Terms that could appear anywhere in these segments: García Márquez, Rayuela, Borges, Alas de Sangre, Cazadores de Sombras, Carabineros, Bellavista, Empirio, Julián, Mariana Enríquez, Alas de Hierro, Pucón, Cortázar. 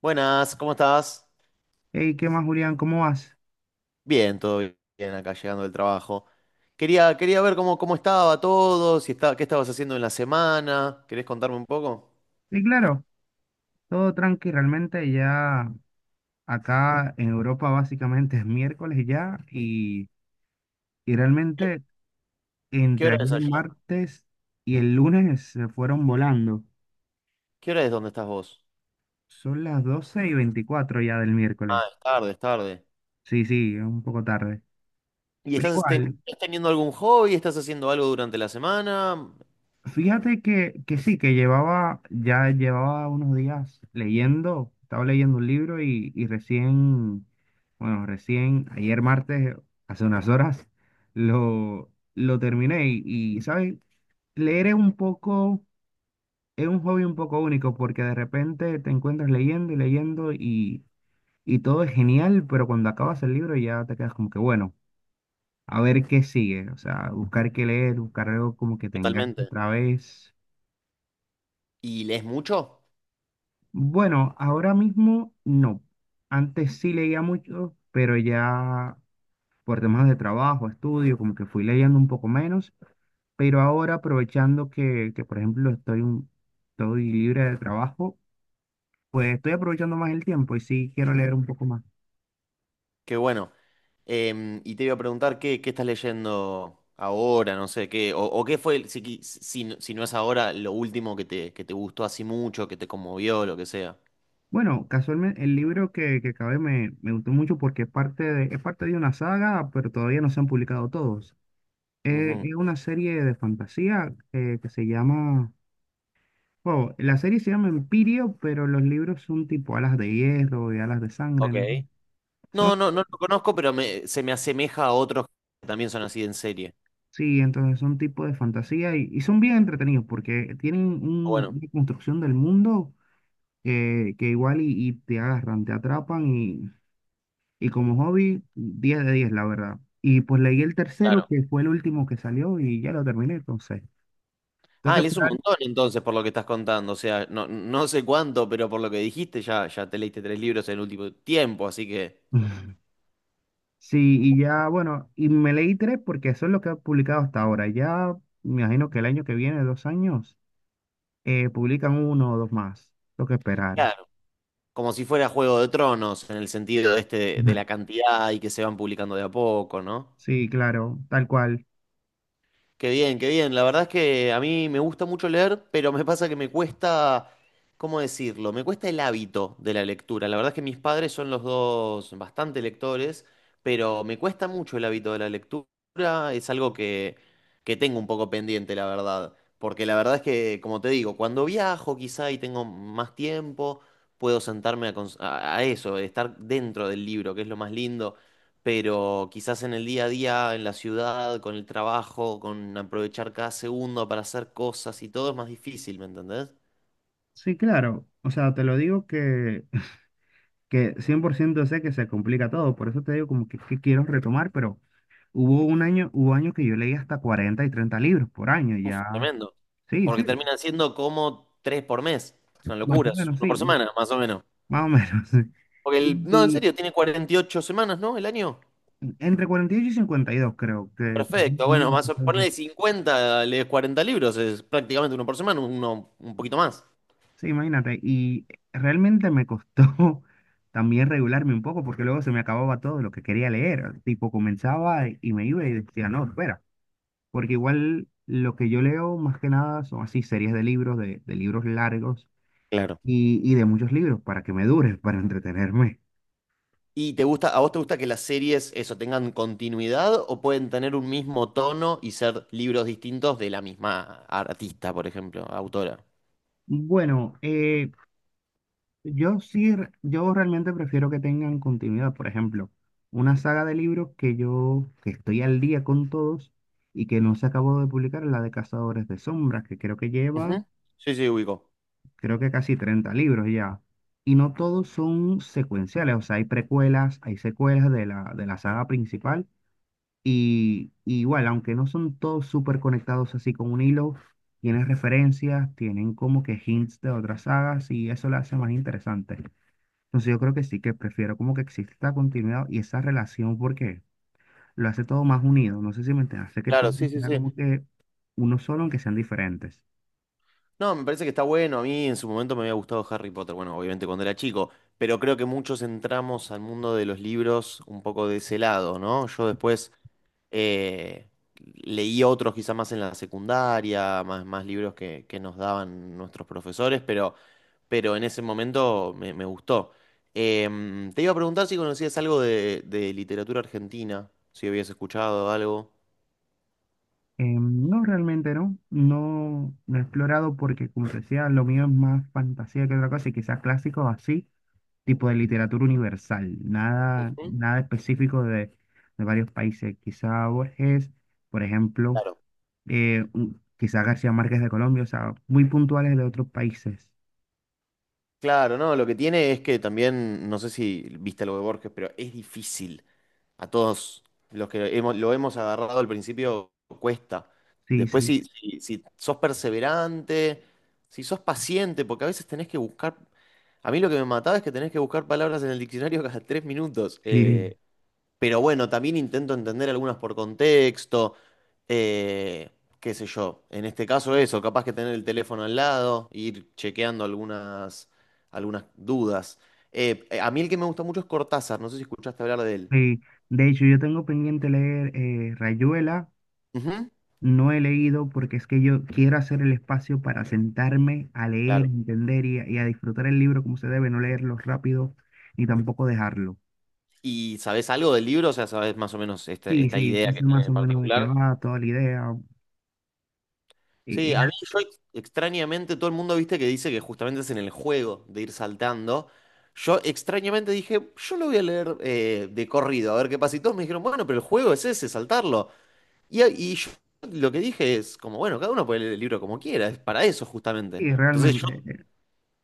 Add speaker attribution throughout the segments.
Speaker 1: Buenas, ¿cómo estás?
Speaker 2: Hey, ¿qué más, Julián? ¿Cómo vas?
Speaker 1: Bien, todo bien acá llegando del trabajo. Quería ver cómo estaba todo, si está, qué estabas haciendo en la semana. ¿Querés contarme un poco?
Speaker 2: Y claro, todo tranqui, realmente ya acá en Europa básicamente es miércoles ya y
Speaker 1: ¿Qué,
Speaker 2: realmente
Speaker 1: qué
Speaker 2: entre
Speaker 1: hora es
Speaker 2: ayer
Speaker 1: allá?
Speaker 2: martes y el lunes se fueron volando.
Speaker 1: ¿Qué hora es donde estás vos?
Speaker 2: Son las 12:24 ya del miércoles.
Speaker 1: Ah, es tarde, es tarde.
Speaker 2: Sí, sí, es un poco tarde.
Speaker 1: ¿Y
Speaker 2: Pero
Speaker 1: estás,
Speaker 2: igual,
Speaker 1: estás teniendo algún hobby? ¿Estás haciendo algo durante la semana?
Speaker 2: fíjate que sí, que llevaba, ya llevaba unos días leyendo, estaba leyendo un libro y recién, bueno, recién ayer martes, hace unas horas, lo terminé y, ¿sabes? Leer es un hobby un poco único porque de repente te encuentras leyendo y leyendo y todo es genial, pero cuando acabas el libro ya te quedas como que, bueno, a ver qué sigue, o sea, buscar qué leer, buscar algo como que te enganche
Speaker 1: Totalmente.
Speaker 2: otra vez.
Speaker 1: ¿Y lees mucho?
Speaker 2: Bueno, ahora mismo no. Antes sí leía mucho, pero ya por temas de trabajo, estudio, como que fui leyendo un poco menos. Pero ahora aprovechando que, por ejemplo, estoy libre de trabajo, pues estoy aprovechando más el tiempo y sí quiero leer un poco más.
Speaker 1: Qué bueno. Y te iba a preguntar qué, estás leyendo ahora, no sé, o qué fue, si no es ahora, lo último que te gustó así mucho, que te conmovió, lo que sea.
Speaker 2: Bueno, casualmente el libro que acabé me gustó mucho porque es parte de una saga, pero todavía no se han publicado todos.
Speaker 1: Ujú.
Speaker 2: Es una serie de fantasía que se llama... Wow, la serie se llama Empirio, pero los libros son tipo Alas de Hierro y Alas de Sangre,
Speaker 1: Ok.
Speaker 2: ¿no? Son,
Speaker 1: No, no, no lo conozco, pero se me asemeja a otros que también son así en serie.
Speaker 2: sí, entonces son tipo de fantasía y son bien entretenidos porque tienen un-
Speaker 1: Bueno,
Speaker 2: una construcción del mundo que igual y te agarran, te atrapan y como hobby, 10 de 10 la verdad. Y pues leí el tercero,
Speaker 1: claro.
Speaker 2: que fue el último que salió y ya lo terminé, entonces. Tengo
Speaker 1: Ah,
Speaker 2: que
Speaker 1: lees un
Speaker 2: esperar.
Speaker 1: montón entonces por lo que estás contando, o sea, no sé cuánto, pero por lo que dijiste ya te leíste 3 libros en el último tiempo, así que.
Speaker 2: Sí, y ya, bueno, y me leí tres porque eso es lo que ha publicado hasta ahora. Ya me imagino que el año que viene, 2 años, publican uno o dos más, lo que esperar.
Speaker 1: Claro. Como si fuera Juego de Tronos, en el sentido este de la cantidad y que se van publicando de a poco, ¿no?
Speaker 2: Sí, claro, tal cual.
Speaker 1: Qué bien, qué bien. La verdad es que a mí me gusta mucho leer, pero me pasa que me cuesta, ¿cómo decirlo? Me cuesta el hábito de la lectura. La verdad es que mis padres son los dos bastante lectores, pero me cuesta mucho el hábito de la lectura. Es algo que tengo un poco pendiente, la verdad. Porque la verdad es que, como te digo, cuando viajo quizá y tengo más tiempo, puedo sentarme a, cons- a eso, estar dentro del libro, que es lo más lindo, pero quizás en el día a día, en la ciudad, con el trabajo, con aprovechar cada segundo para hacer cosas y todo es más difícil, ¿me entendés?
Speaker 2: Sí, claro. O sea, te lo digo que, que 100% sé que se complica todo, por eso te digo como que quiero retomar, pero hubo un año, hubo años que yo leí hasta 40 y 30 libros por año,
Speaker 1: Uf,
Speaker 2: ya.
Speaker 1: tremendo.
Speaker 2: Sí, sí,
Speaker 1: Porque terminan siendo como 3 por mes. Es una
Speaker 2: más
Speaker 1: locura,
Speaker 2: o
Speaker 1: es
Speaker 2: menos,
Speaker 1: uno por
Speaker 2: sí,
Speaker 1: semana, más o menos.
Speaker 2: más o menos.
Speaker 1: Porque
Speaker 2: Sí.
Speaker 1: no, en
Speaker 2: Y
Speaker 1: serio, tiene 48 semanas, ¿no? El año.
Speaker 2: entre 48 y 52 creo que son los
Speaker 1: Perfecto, bueno,
Speaker 2: números que se usan.
Speaker 1: ponele 50, lees 40 libros, es prácticamente uno por semana, uno un poquito más.
Speaker 2: Sí, imagínate. Y realmente me costó también regularme un poco porque luego se me acababa todo lo que quería leer. Tipo, comenzaba y me iba y decía, no, espera. Porque igual lo que yo leo más que nada son así series de libros, de libros largos
Speaker 1: Claro.
Speaker 2: y de muchos libros para que me dure, para entretenerme.
Speaker 1: ¿Y a vos te gusta que las series eso tengan continuidad o pueden tener un mismo tono y ser libros distintos de la misma artista, por ejemplo, autora?
Speaker 2: Bueno, yo sí, yo realmente prefiero que tengan continuidad. Por ejemplo, una saga de libros que estoy al día con todos y que no se acabó de publicar, la de Cazadores de Sombras, que
Speaker 1: Ujú. Sí, sí, ubico.
Speaker 2: creo que casi 30 libros ya. Y no todos son secuenciales, o sea, hay precuelas, hay secuelas de la saga principal. Y igual, aunque no son todos súper conectados así con un hilo, tienen referencias, tienen como que hints de otras sagas y eso la hace más interesante. Entonces yo creo que sí, que prefiero como que exista continuidad y esa relación porque lo hace todo más unido. No sé si me entiendes, hace que todo
Speaker 1: Claro, sí, sí,
Speaker 2: sea
Speaker 1: sí.
Speaker 2: como que uno solo, aunque sean diferentes.
Speaker 1: No, me parece que está bueno. A mí en su momento me había gustado Harry Potter, bueno, obviamente cuando era chico, pero creo que muchos entramos al mundo de los libros un poco de ese lado, ¿no? Yo después Eh, leí otros quizá más en la secundaria, más libros que nos daban nuestros profesores, pero en ese momento me gustó. Te iba a preguntar si conocías algo de literatura argentina, si habías escuchado algo.
Speaker 2: No, realmente no. No, no he explorado porque, como te decía, lo mío es más fantasía que otra cosa y quizás clásico así, tipo de literatura universal. Nada,
Speaker 1: Ujú.
Speaker 2: nada específico de varios países. Quizá Borges, por ejemplo,
Speaker 1: Claro.
Speaker 2: quizá García Márquez de Colombia, o sea, muy puntuales de otros países.
Speaker 1: Claro, no, lo que tiene es que también, no sé si viste algo de Borges, pero es difícil. A todos los que lo hemos agarrado al principio cuesta.
Speaker 2: Sí,
Speaker 1: Después,
Speaker 2: sí.
Speaker 1: si sos perseverante, si sos paciente, porque a veces tenés que buscar. A mí lo que me mataba es que tenés que buscar palabras en el diccionario cada 3 minutos.
Speaker 2: Sí,
Speaker 1: Pero bueno, también intento entender algunas por contexto. eh, Qué sé yo. En este caso, eso, capaz que tener el teléfono al lado, ir chequeando algunas dudas. A mí el que me gusta mucho es Cortázar, no sé si escuchaste hablar de él.
Speaker 2: sí. De hecho, yo tengo pendiente leer Rayuela.
Speaker 1: Ujú.
Speaker 2: No he leído porque es que yo quiero hacer el espacio para sentarme a leer,
Speaker 1: Claro.
Speaker 2: entender y a disfrutar el libro como se debe, no leerlo rápido ni tampoco dejarlo.
Speaker 1: ¿Y sabes algo del libro? O sea, ¿sabes más o menos esta,
Speaker 2: Sí,
Speaker 1: esta
Speaker 2: sí, sí,
Speaker 1: idea que
Speaker 2: sé
Speaker 1: tiene
Speaker 2: más o
Speaker 1: en
Speaker 2: menos de qué
Speaker 1: particular?
Speaker 2: va, toda la idea. Y
Speaker 1: Sí, a
Speaker 2: así,
Speaker 1: mí yo extrañamente, todo el mundo viste que dice que justamente es en el juego de ir saltando. Yo extrañamente dije, yo lo voy a leer de corrido, a ver qué pasa. Y todos me dijeron, bueno, pero el juego es ese, saltarlo. Y yo lo que dije es, como, bueno, cada uno puede leer el libro como quiera, es para eso justamente.
Speaker 2: es
Speaker 1: Entonces yo
Speaker 2: realmente, eh,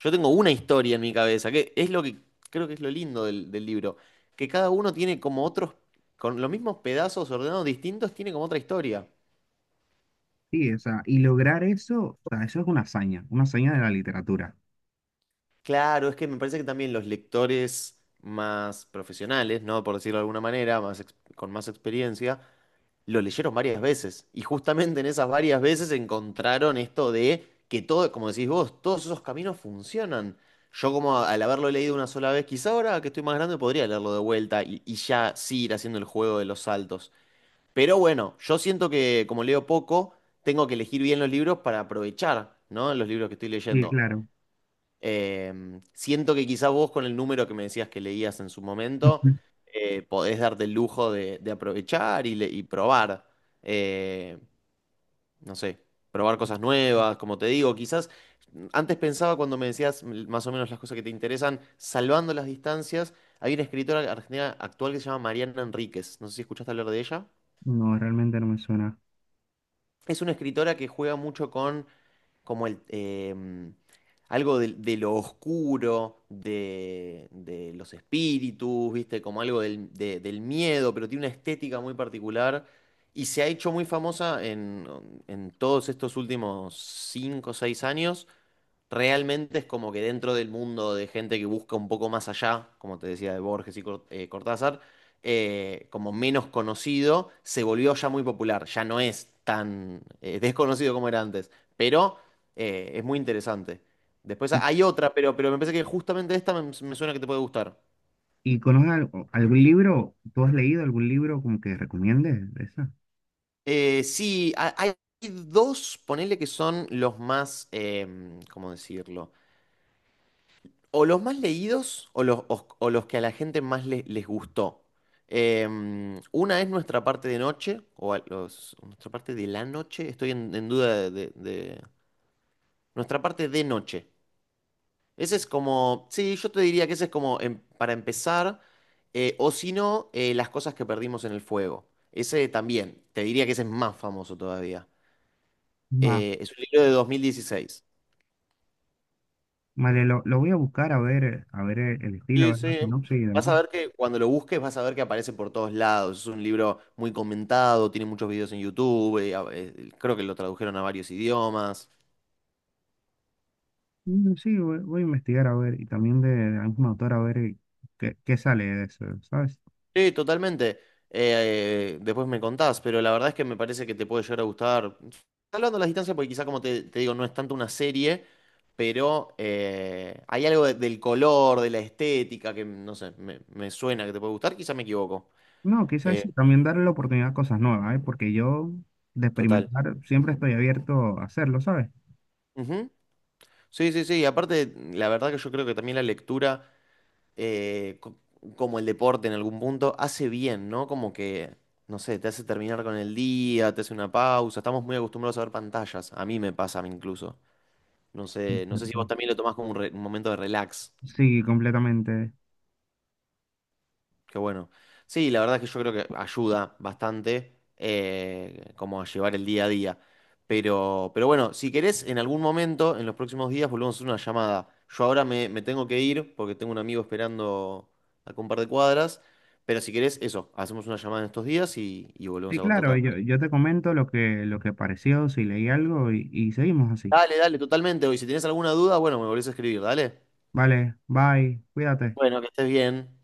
Speaker 1: Yo tengo una historia en mi cabeza, que es lo que creo que es lo lindo del libro, que cada uno tiene como otros, con los mismos pedazos ordenados distintos, tiene como otra historia.
Speaker 2: sí, o sea, y lograr eso, o sea, eso es una hazaña de la literatura.
Speaker 1: Claro, es que me parece que también los lectores más profesionales, ¿no? Por decirlo de alguna manera, con más experiencia, lo leyeron varias veces y justamente en esas varias veces encontraron esto de que todo, como decís vos, todos esos caminos funcionan. Yo como al haberlo leído una sola vez, quizá ahora que estoy más grande podría leerlo de vuelta y ya sí ir haciendo el juego de los saltos. Pero bueno, yo siento que como leo poco, tengo que elegir bien los libros para aprovechar, ¿no? Los libros que estoy
Speaker 2: Sí,
Speaker 1: leyendo.
Speaker 2: claro.
Speaker 1: Eh, Siento que quizá vos con el número que me decías que leías en su momento, podés darte el lujo de aprovechar y probar, eh, no sé, probar cosas nuevas, como te digo, quizás antes pensaba cuando me decías más o menos las cosas que te interesan, salvando las distancias, hay una escritora argentina actual que se llama Mariana Enríquez, no sé si escuchaste hablar de ella.
Speaker 2: No, realmente no me suena.
Speaker 1: Es una escritora que juega mucho con como algo de lo oscuro, de los espíritus, ¿viste? Como algo del miedo, pero tiene una estética muy particular y se ha hecho muy famosa en todos estos últimos cinco o 6 años. Realmente es como que dentro del mundo de gente que busca un poco más allá, como te decía de Borges y Cortázar, como menos conocido, se volvió ya muy popular, ya no es tan desconocido como era antes, pero es muy interesante. Después hay otra, pero me parece que justamente esta me suena que te puede gustar.
Speaker 2: ¿Y conoces algún libro? ¿Tú has leído algún libro como que recomiendes de esa?
Speaker 1: Sí, hay dos, ponele que son los más, ¿cómo decirlo? O los más leídos o o los que a la gente más les gustó. Una es nuestra parte de noche, o nuestra parte de la noche, estoy en duda de. Nuestra parte de noche. Ese es como. Sí, yo te diría que ese es como para empezar, o si no, las cosas que perdimos en el fuego. Ese también, te diría que ese es más famoso todavía.
Speaker 2: Va,
Speaker 1: Es un libro de 2016.
Speaker 2: vale, lo voy a buscar a ver el estilo, a
Speaker 1: Sí,
Speaker 2: ver la
Speaker 1: sí.
Speaker 2: sinopsis y
Speaker 1: Vas
Speaker 2: demás.
Speaker 1: a ver que cuando lo busques vas a ver que aparece por todos lados. Es un libro muy comentado, tiene muchos videos en YouTube, creo que lo tradujeron a varios idiomas.
Speaker 2: Mm, sí, voy a investigar a ver, y también de algún autor a ver qué, sale de eso, ¿sabes?
Speaker 1: Sí, totalmente. Después me contás, pero la verdad es que me parece que te puede llegar a gustar. Hablando de las distancias, porque quizá como te digo, no es tanto una serie, pero hay algo del color, de la estética, que no sé, me suena que te puede gustar, quizá me equivoco.
Speaker 2: No, quizás
Speaker 1: Eh,
Speaker 2: sí, también darle la oportunidad a cosas nuevas, ¿eh? Porque yo de
Speaker 1: Total.
Speaker 2: experimentar siempre estoy abierto a hacerlo, ¿sabes?
Speaker 1: Ujú. Sí, sí, sí. Y aparte, la verdad que yo creo que también la lectura, eh, co- como el deporte en algún punto, hace bien, ¿no? Como que, no sé, te hace terminar con el día, te hace una pausa. Estamos muy acostumbrados a ver pantallas. A mí me pasa, a mí incluso. No sé si vos
Speaker 2: Cierto.
Speaker 1: también lo tomás como un momento de relax.
Speaker 2: Sí, completamente.
Speaker 1: Qué bueno. Sí, la verdad es que yo creo que ayuda bastante como a llevar el día a día. Pero bueno, si querés, en algún momento, en los próximos días, volvemos a hacer una llamada. Yo ahora me tengo que ir porque tengo un amigo esperando a un par de cuadras. Pero si querés, eso, hacemos una llamada en estos días y volvemos
Speaker 2: Sí,
Speaker 1: a
Speaker 2: claro, yo,
Speaker 1: contactarnos.
Speaker 2: yo te comento lo que pareció, si leí algo y seguimos así.
Speaker 1: Dale, dale, totalmente. Y si tenés alguna duda, bueno, me volvés a escribir, dale.
Speaker 2: Vale, bye, cuídate.
Speaker 1: Bueno, que estés bien.